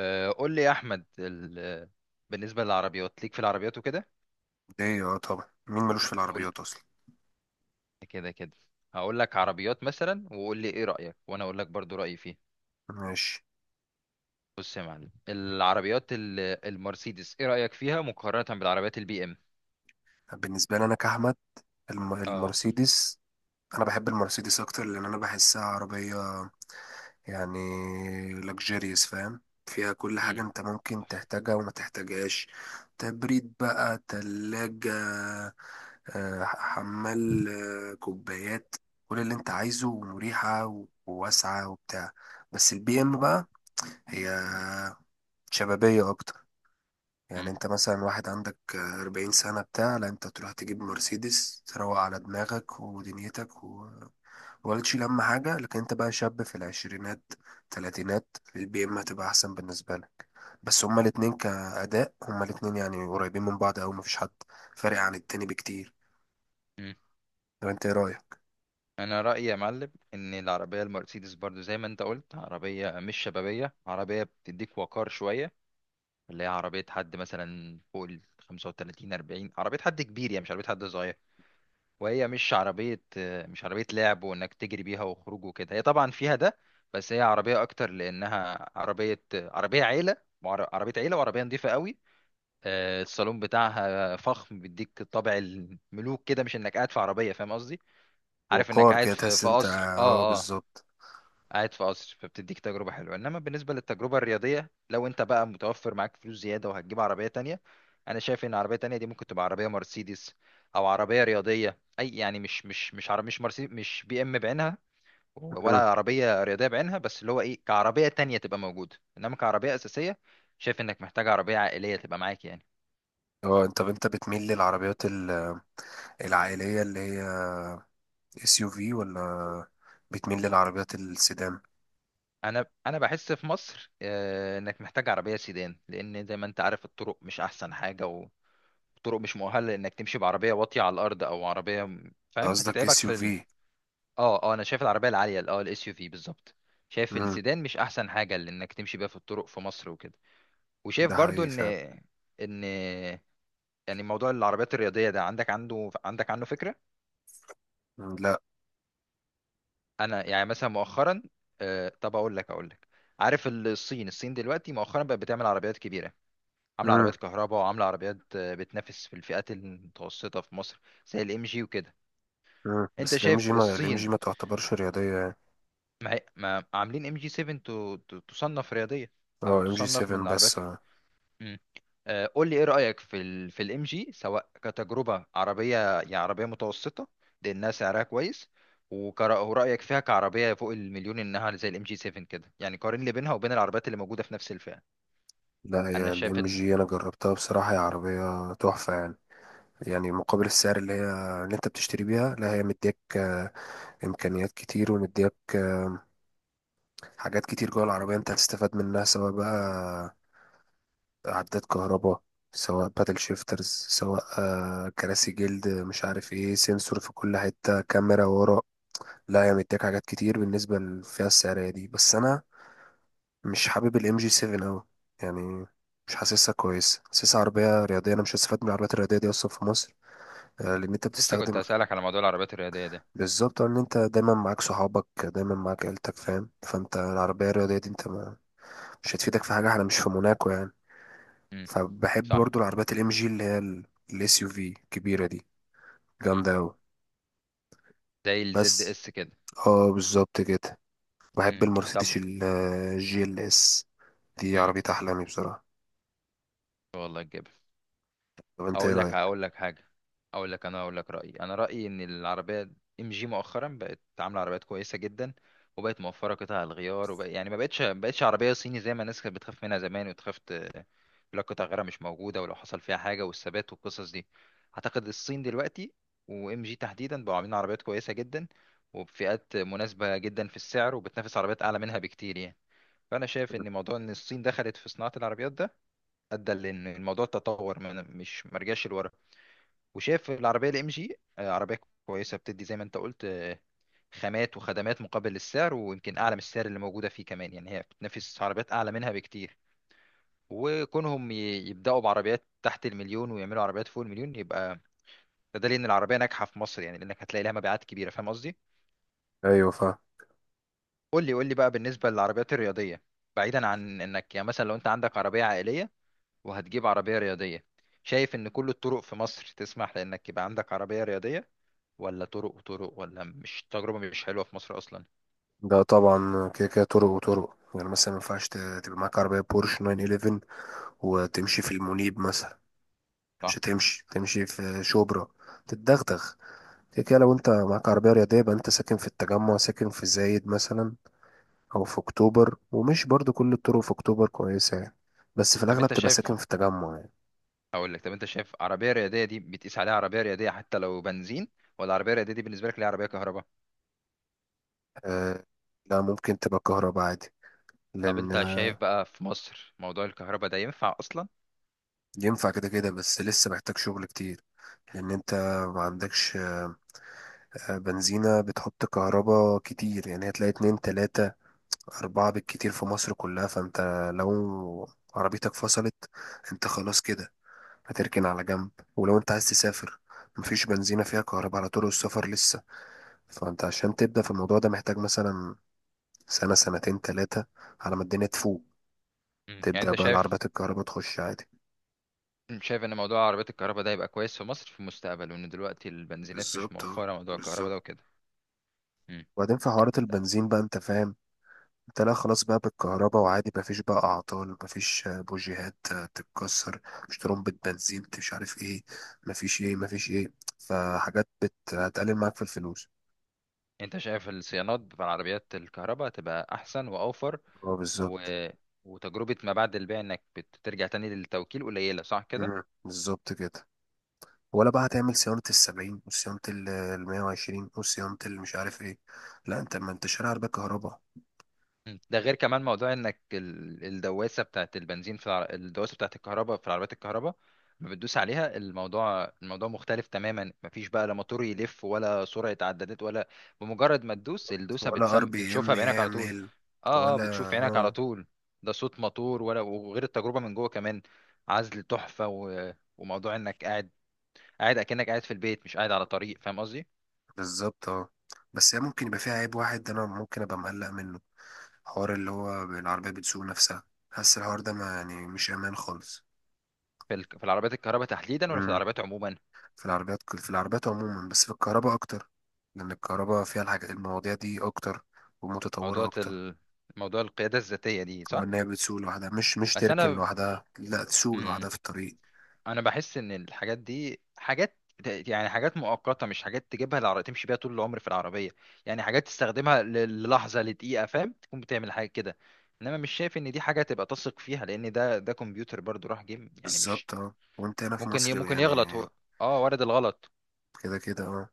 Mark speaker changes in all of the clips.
Speaker 1: آه، قول لي يا احمد ال... بالنسبه للعربيات، ليك في العربيات وكده.
Speaker 2: ليه، طبعا مين ملوش في
Speaker 1: قول
Speaker 2: العربيات اصلا.
Speaker 1: كده كده هقول لك عربيات مثلا وقول لي ايه رايك، وانا اقول لك برضو رايي فيه.
Speaker 2: ماشي.
Speaker 1: بص يا معلم العربيات ال... المرسيدس، ايه رايك فيها مقارنه بالعربيات البي ام؟
Speaker 2: بالنسبه لي انا كاحمد،
Speaker 1: اه.
Speaker 2: المرسيدس، انا بحب المرسيدس اكتر لان انا بحسها عربيه، يعني لكجيريوس، فاهم؟ فيها كل حاجه
Speaker 1: مم.
Speaker 2: انت ممكن تحتاجها وما تحتاجهاش. تبريد بقى، تلاجة، حمال، كوبايات، كل اللي انت عايزه ومريحه وواسعه وبتاع. بس البي ام بقى، هي شبابيه اكتر. يعني
Speaker 1: مم.
Speaker 2: انت مثلا واحد عندك أربعين سنة بتاع، لا انت تروح تجيب مرسيدس تروق على دماغك ودنيتك ولا تشيل هم حاجة. لكن انت بقى شاب في العشرينات، تلاتينات، البي ام هتبقى أحسن بالنسبة لك. بس هما الاتنين كأداء، هما الاتنين يعني قريبين من بعض أوي، مفيش حد فارق عن التاني بكتير.
Speaker 1: مم.
Speaker 2: طب انت ايه رأيك؟
Speaker 1: انا رايي يا معلم ان العربيه المرسيدس برضو زي ما انت قلت عربيه مش شبابيه، عربيه بتديك وقار شويه، اللي هي عربيه حد مثلا فوق ال 35 40، عربيه حد كبير يعني، مش عربيه حد صغير. وهي مش عربية، مش عربية لعب وإنك تجري بيها وخروج وكده، هي طبعا فيها ده. بس هي عربية أكتر لأنها عربية عيلة. عربية عيلة وعربية نظيفة قوي. الصالون بتاعها فخم، بيديك طابع الملوك كده، مش إنك قاعد في عربية، فاهم قصدي. عارف إنك
Speaker 2: وقار كده،
Speaker 1: قاعد في
Speaker 2: تحس
Speaker 1: في
Speaker 2: انت،
Speaker 1: قصر.
Speaker 2: اه
Speaker 1: اه.
Speaker 2: بالظبط.
Speaker 1: قاعد في قصر، فبتديك تجربة حلوة. انما بالنسبة للتجربة الرياضية، لو انت بقى متوفر معاك فلوس زيادة وهتجيب عربية تانية، انا شايف ان عربية تانية دي ممكن تبقى عربية مرسيدس او عربية رياضية اي، يعني مش عربية مش مرسيدس مش بي ام بعينها، ولا
Speaker 2: مم.
Speaker 1: عربية رياضية بعينها، بس اللي هو ايه كعربية تانية تبقى موجودة. انما كعربية اساسية، شايف انك محتاج عربية عائلية تبقى معاك يعني.
Speaker 2: اه، انت بتميل للعربيات العائلية اللي هي اس يو في، ولا بتميل للعربيات السيدان؟
Speaker 1: انا بحس في مصر، انك محتاج عربية سيدان، لان زي ما انت عارف الطرق مش احسن حاجة، طرق مش مؤهله لانك تمشي بعربيه واطيه على الارض، او عربيه فاهم،
Speaker 2: قصدك
Speaker 1: هتتعبك
Speaker 2: اس يو
Speaker 1: في
Speaker 2: في.
Speaker 1: اه. انا شايف العربيه العاليه الاس يو في بالظبط. شايف
Speaker 2: امم.
Speaker 1: السيدان مش احسن حاجه لانك تمشي بيها في الطرق في مصر وكده. وشايف
Speaker 2: ده
Speaker 1: برضو
Speaker 2: حقيقي
Speaker 1: ان
Speaker 2: فعلا.
Speaker 1: ان يعني موضوع العربيات الرياضيه ده، عندك عنه فكره.
Speaker 2: مم، لا.
Speaker 1: انا يعني مثلا مؤخرا، آه، طب اقول لك. عارف الصين دلوقتي مؤخرا بقت بتعمل عربيات كبيره، عامله
Speaker 2: امم.
Speaker 1: عربيات كهرباء، وعامله عربيات بتنافس في الفئات المتوسطه في مصر، زي الام جي وكده.
Speaker 2: امم،
Speaker 1: انت
Speaker 2: بس الام
Speaker 1: شايف
Speaker 2: جي ما الام جي
Speaker 1: الصين
Speaker 2: ما تعتبرش رياضيه يعني.
Speaker 1: ما عاملين ام جي 7، تصنف رياضيه
Speaker 2: اه،
Speaker 1: او
Speaker 2: ام جي
Speaker 1: تصنف من
Speaker 2: 7 بس
Speaker 1: العربيات.
Speaker 2: آه.
Speaker 1: مم. آه، قول لي ايه رايك في الام جي، سواء كتجربه، عربيه يعني عربيه متوسطه لانها سعرها كويس، ورايك فيها كعربيه فوق المليون، انها زي الام جي 7 كده. يعني قارن لي بينها وبين العربيات اللي موجوده في نفس الفئه.
Speaker 2: لا،
Speaker 1: انا
Speaker 2: هي
Speaker 1: شايف
Speaker 2: الام
Speaker 1: ان
Speaker 2: جي انا جربتها بصراحه، هي عربيه تحفه يعني. يعني مقابل السعر اللي انت بتشتري بيها، لا هي مديك امكانيات كتير، ومديك حاجات كتير جوه العربيه انت هتستفاد منها، سواء بقى عداد كهرباء، سواء باتل شيفترز، سواء كراسي جلد، مش عارف ايه، سنسور في كل حتة، كاميرا ورا. لا هي مديك حاجات كتير بالنسبة للفئة السعرية دي، بس أنا مش حابب الام جي 7 أوي، يعني مش حاسسها كويس، حاسسها عربية رياضية، أنا مش هستفاد من العربيات الرياضية دي أصلا في مصر. لأن أنت
Speaker 1: لسه كنت
Speaker 2: بتستخدم،
Speaker 1: هسالك على موضوع العربيات الرياضيه ده.
Speaker 2: بالظبط إن أنت دايما معاك صحابك، دايما معاك عيلتك، فاهم؟ فأنت العربية الرياضية دي، أنت ما، مش هتفيدك في حاجة، احنا مش في موناكو يعني.
Speaker 1: مم.
Speaker 2: فبحب
Speaker 1: صح.
Speaker 2: برضو العربيات الام جي اللي هي الاس يو في الكبيره دي،
Speaker 1: مم.
Speaker 2: جامده قوي.
Speaker 1: زي الزد
Speaker 2: بس،
Speaker 1: اس كده.
Speaker 2: اه بالظبط كده. بحب
Speaker 1: مم. طب.
Speaker 2: المرسيدس الجي ال اس، دي
Speaker 1: مم.
Speaker 2: عربية أحلامي بصراحة.
Speaker 1: والله.
Speaker 2: طب أنت إيه
Speaker 1: اقول لك
Speaker 2: رأيك؟
Speaker 1: هقول لك حاجه اقول لك انا اقول لك رايي ان العربيه ام جي مؤخرا بقت عامله عربيات كويسه جدا، وبقت موفره قطع الغيار، وبقى يعني ما بقتش عربيه صيني زي ما الناس كانت بتخاف منها زمان، وتخاف يقول لك قطع غيارها مش موجوده ولو حصل فيها حاجه، والثبات والقصص دي. اعتقد الصين دلوقتي وام جي تحديدا بقوا عاملين عربيات كويسه جدا، وبفئات مناسبه جدا في السعر، وبتنافس عربيات اعلى منها بكتير يعني. فانا شايف ان موضوع ان الصين دخلت في صناعه العربيات ده ادى لان الموضوع تطور من، مش مرجعش لورا. وشاف العربيه الام جي عربيه كويسه بتدي زي ما انت قلت، خامات وخدمات مقابل السعر، ويمكن اعلى من السعر اللي موجوده فيه كمان يعني، هي بتنافس عربيات اعلى منها بكتير. وكونهم يبداوا بعربيات تحت المليون، ويعملوا عربيات فوق المليون، يبقى ده دليل ان العربيه ناجحه في مصر يعني، لانك هتلاقي لها مبيعات كبيره، فاهم قصدي.
Speaker 2: أيوة، فا.
Speaker 1: قول لي بقى بالنسبه للعربيات الرياضيه، بعيدا عن انك يعني مثلا لو انت عندك عربيه عائليه وهتجيب عربيه رياضيه، شايف ان كل الطرق في مصر تسمح لانك يبقى عندك عربيه رياضيه، ولا طرق وطرق، ولا مش تجربة مش حلوة في مصر أصلا؟
Speaker 2: ده طبعا، كده كده طرق وطرق، يعني مثلا ما ينفعش تبقى معاك عربية بورش 911 وتمشي في المنيب مثلا. مش
Speaker 1: صح.
Speaker 2: هتمشي، تمشي في شبرا، تتدغدغ. كده كده، لو أنت معاك عربية رياضية يبقى أنت ساكن في التجمع، ساكن في زايد مثلا، او في اكتوبر، ومش برضو كل الطرق في اكتوبر كويسة يعني. بس في
Speaker 1: طب
Speaker 2: الاغلب
Speaker 1: أنت
Speaker 2: تبقى ساكن
Speaker 1: شايف،
Speaker 2: في التجمع يعني.
Speaker 1: أقول لك، طب أنت شايف عربية رياضية دي بتقيس عليها عربية رياضية حتى لو بنزين، ولا عربية رياضية دي بالنسبة لك ليها عربية كهرباء؟
Speaker 2: أه، لا ممكن تبقى كهرباء عادي،
Speaker 1: طب
Speaker 2: لان
Speaker 1: أنت شايف بقى في مصر موضوع الكهرباء ده ينفع أصلا؟
Speaker 2: ينفع كده كده، بس لسه محتاج شغل كتير. لان انت ما عندكش بنزينة بتحط كهرباء كتير، يعني هتلاقي اتنين، تلاتة، اربعة بالكتير في مصر كلها. فانت لو عربيتك فصلت، انت خلاص كده هتركن على جنب. ولو انت عايز تسافر، مفيش بنزينة فيها كهرباء على طرق السفر لسه. فانت عشان تبدأ في الموضوع ده محتاج مثلا سنة، سنتين، تلاتة، على ما الدنيا تفوق
Speaker 1: مم. يعني
Speaker 2: تبدأ
Speaker 1: أنت
Speaker 2: بقى
Speaker 1: شايف،
Speaker 2: العربيات الكهرباء تخش عادي.
Speaker 1: شايف ان موضوع عربيات الكهرباء ده يبقى كويس في مصر في المستقبل، وان دلوقتي البنزينات مش
Speaker 2: بالظبط اه،
Speaker 1: موفره موضوع الكهرباء
Speaker 2: بالظبط.
Speaker 1: ده وكده. مم.
Speaker 2: وبعدين في حوارات البنزين بقى، انت فاهم، انت لا، خلاص بقى بالكهرباء، وعادي مفيش بقى اعطال، مفيش بوجيهات تتكسر، مش ترمبة بنزين، مش عارف ايه، مفيش ايه، مفيش ايه. فحاجات هتقلل معاك في الفلوس.
Speaker 1: انت شايف الصيانات بتاع العربيات الكهرباء تبقى احسن واوفر،
Speaker 2: اه
Speaker 1: و...
Speaker 2: بالظبط.
Speaker 1: وتجربة ما بعد البيع انك بترجع تاني للتوكيل قليلة، صح كده؟
Speaker 2: مم، بالظبط كده. ولا بقى هتعمل صيانة السبعين، وصيانة المية وعشرين، وصيانة مش عارف ايه. لا، انت ما انت شارع عربية كهرباء.
Speaker 1: مم. ده غير كمان موضوع انك الدواسة بتاعت البنزين في الدواسة بتاعت الكهرباء في العربيات الكهرباء، ما بتدوس عليها، الموضوع مختلف تماما، مفيش بقى لا موتور يلف، ولا سرعة عدادات ولا، بمجرد ما تدوس الدوسة
Speaker 2: ولا ار بي ام
Speaker 1: بتشوفها بعينك على طول.
Speaker 2: يعمل.
Speaker 1: اه.
Speaker 2: ولا.
Speaker 1: بتشوف عينك
Speaker 2: اه.
Speaker 1: على طول، ده صوت موتور ولا، وغير التجربة من جوه كمان، عزل تحفة، وموضوع انك قاعد اكنك قاعد في البيت، مش قاعد على طريق، فاهم قصدي؟
Speaker 2: بالظبط اه. بس هي ممكن يبقى فيها عيب واحد، انا ممكن ابقى مقلق منه، حوار اللي هو العربية بتسوق نفسها، حاسس الحوار ده، ما يعني مش امان خالص.
Speaker 1: في العربيات الكهرباء تحديدا ولا في
Speaker 2: امم.
Speaker 1: العربيات عموما؟
Speaker 2: في العربيات عموما، بس في الكهرباء اكتر، لان الكهرباء فيها الحاجات، المواضيع دي اكتر، ومتطورة
Speaker 1: موضوع
Speaker 2: اكتر.
Speaker 1: ال... موضوع القياده الذاتيه دي،
Speaker 2: اه،
Speaker 1: صح.
Speaker 2: ان هي بتسوق لوحدها، مش
Speaker 1: بس
Speaker 2: تركن
Speaker 1: انا،
Speaker 2: لوحدها، لا تسوق
Speaker 1: مم،
Speaker 2: لوحدها في الطريق.
Speaker 1: انا بحس ان الحاجات دي حاجات، يعني حاجات مؤقته، مش حاجات تجيبها العربية تمشي بيها طول العمر في العربيه، يعني حاجات تستخدمها للحظه لدقيقه، فاهم، تكون بتعمل حاجه كده. انما مش شايف ان دي حاجه تبقى تثق فيها، لان ده كمبيوتر برضو راح جيم، يعني مش
Speaker 2: بالظبط اه، وانت هنا في مصر
Speaker 1: ممكن
Speaker 2: يعني،
Speaker 1: يغلط هو. اه، وارد الغلط.
Speaker 2: كده كده اه.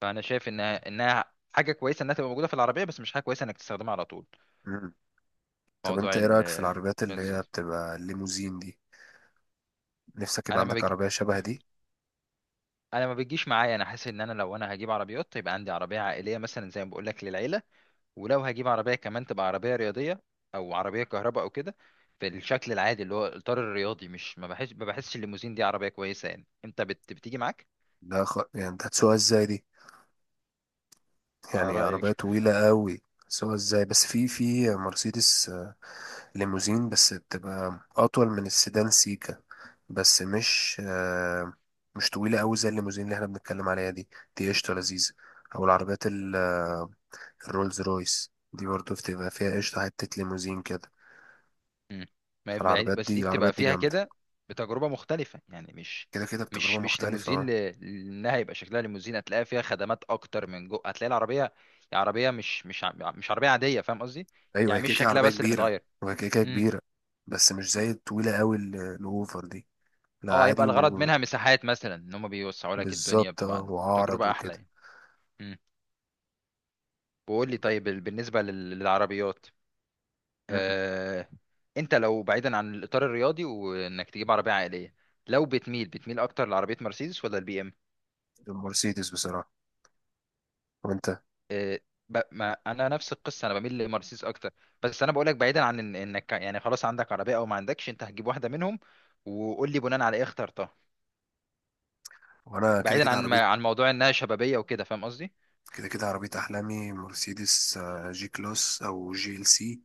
Speaker 1: فانا شايف انها حاجه كويسه انها تبقى موجوده في العربيه، بس مش حاجه كويسه انك تستخدمها على طول.
Speaker 2: مم. طب انت
Speaker 1: موضوع
Speaker 2: ايه رأيك في العربيات اللي هي
Speaker 1: الزيت.
Speaker 2: بتبقى الليموزين دي؟ نفسك يبقى
Speaker 1: انا ما
Speaker 2: عندك
Speaker 1: بج...
Speaker 2: عربية شبه دي؟
Speaker 1: انا ما بتجيش معايا، انا حاسس ان انا لو هجيب عربيات يبقى عندي عربيه عائليه مثلا، زي ما بقول لك، للعيله، ولو هجيب عربيه كمان تبقى عربيه رياضيه او عربيه كهرباء او كده، بالشكل العادي اللي هو الاطار الرياضي. مش ما بحسش الليموزين دي عربيه كويسه يعني، انت بتيجي معاك،
Speaker 2: ده يعني انت هتسوقها ازاي دي؟
Speaker 1: على
Speaker 2: يعني عربية
Speaker 1: رايك.
Speaker 2: طويلة قوي هتسوقها ازاي؟ بس في مرسيدس ليموزين، بس بتبقى اطول من السيدان سيكا، بس مش مش طويلة قوي زي الليموزين اللي احنا بنتكلم عليها دي. دي قشطة لذيذة. او العربيات الرولز رويس دي برضه بتبقى فيها قشطة، حتة ليموزين كده.
Speaker 1: مم.
Speaker 2: فالعربيات
Speaker 1: بس
Speaker 2: دي
Speaker 1: دي بتبقى
Speaker 2: العربيات دي
Speaker 1: فيها
Speaker 2: جامدة،
Speaker 1: كده بتجربة مختلفة، يعني مش
Speaker 2: كده كده بتجربة
Speaker 1: مش مش
Speaker 2: مختلفة،
Speaker 1: ليموزين
Speaker 2: اه.
Speaker 1: لانها يبقى شكلها ليموزين، هتلاقي فيها خدمات اكتر من جو، هتلاقي العربية عربية مش عربية عادية، فاهم قصدي.
Speaker 2: أيوة هي
Speaker 1: يعني مش
Speaker 2: كده كده
Speaker 1: شكلها
Speaker 2: عربية
Speaker 1: بس اللي
Speaker 2: كبيرة،
Speaker 1: متغير.
Speaker 2: وهي كده كده
Speaker 1: امم.
Speaker 2: كبيرة. بس مش زي الطويلة أوي الأوفر دي، لا
Speaker 1: اه، يبقى
Speaker 2: عادي.
Speaker 1: الغرض منها مساحات مثلا، ان هم بيوسعوا لك الدنيا،
Speaker 2: وبالظبط اه،
Speaker 1: بتبقى
Speaker 2: وأعرض
Speaker 1: تجربة احلى
Speaker 2: وكده.
Speaker 1: يعني. امم. وقول لي طيب، للعربيات
Speaker 2: مم.
Speaker 1: آه... انت لو بعيدا،
Speaker 2: المرسيدس بصراحة. وأنت.
Speaker 1: آه، ما انا نفس القصه، انا بميل لمرسيدس اكتر. بس انا بقول لك، بعيدا عن انك يعني خلاص عندك عربيه او ما عندكش، انت هتجيب واحده منهم وقول لي بناء على ايه اخترتها،
Speaker 2: وأنا كده
Speaker 1: بعيدا
Speaker 2: كده
Speaker 1: عن ما...
Speaker 2: عربيتي،
Speaker 1: عن موضوع انها شبابيه وكده، فاهم قصدي.
Speaker 2: كده كده عربية أحلامي مرسيدس، جي كلاس أو جي ال سي،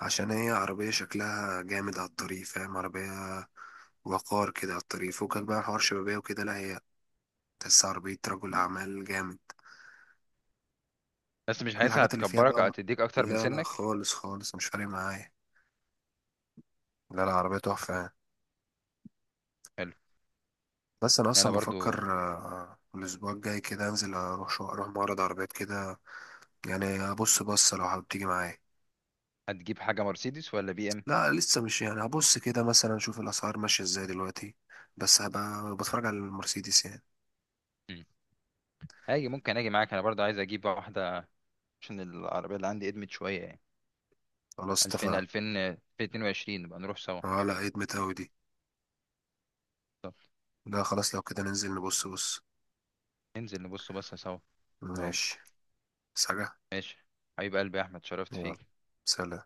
Speaker 2: عشان هي عربية شكلها جامد على الطريق، فاهم؟ عربية وقار كده، على الطريق فوقك بقى حوار شبابية وكده، لا هي تحس عربية رجل أعمال جامد،
Speaker 1: بس مش
Speaker 2: كل
Speaker 1: حاسسها
Speaker 2: الحاجات اللي فيها
Speaker 1: هتكبرك او
Speaker 2: بقى.
Speaker 1: هتديك اكتر من
Speaker 2: لا لا،
Speaker 1: سنك.
Speaker 2: خالص خالص مش فارق معايا. لا لا، عربية تحفة يعني.
Speaker 1: حلو.
Speaker 2: بس أنا أصلا
Speaker 1: انا برضو.
Speaker 2: بفكر الأسبوع الجاي كده أنزل، أروح معرض عربيات كده، يعني أبص بصة، لو حابب تيجي معايا.
Speaker 1: هتجيب حاجه مرسيدس ولا بي ام؟
Speaker 2: لا لسه، مش يعني هبص كده مثلا اشوف الاسعار ماشيه ازاي دلوقتي، بس هبقى بتفرج على المرسيدس يعني.
Speaker 1: مم. هاجي، ممكن اجي معاك، انا برضو عايز اجيب واحده، عشان العربيه اللي عندي ادمت شويه يعني.
Speaker 2: خلاص
Speaker 1: 2000 2000
Speaker 2: اتفقنا.
Speaker 1: 2022 نبقى نروح سوا.
Speaker 2: اه لا، ادمت اوي دي.
Speaker 1: طب
Speaker 2: لا خلاص، لو كده ننزل نبص بص.
Speaker 1: ننزل نبص بصه سوا. نودي.
Speaker 2: ماشي. بس حاجه.
Speaker 1: ماشي. حبيب قلبي يا احمد، شرفت
Speaker 2: يلا.
Speaker 1: فيك.
Speaker 2: سلام.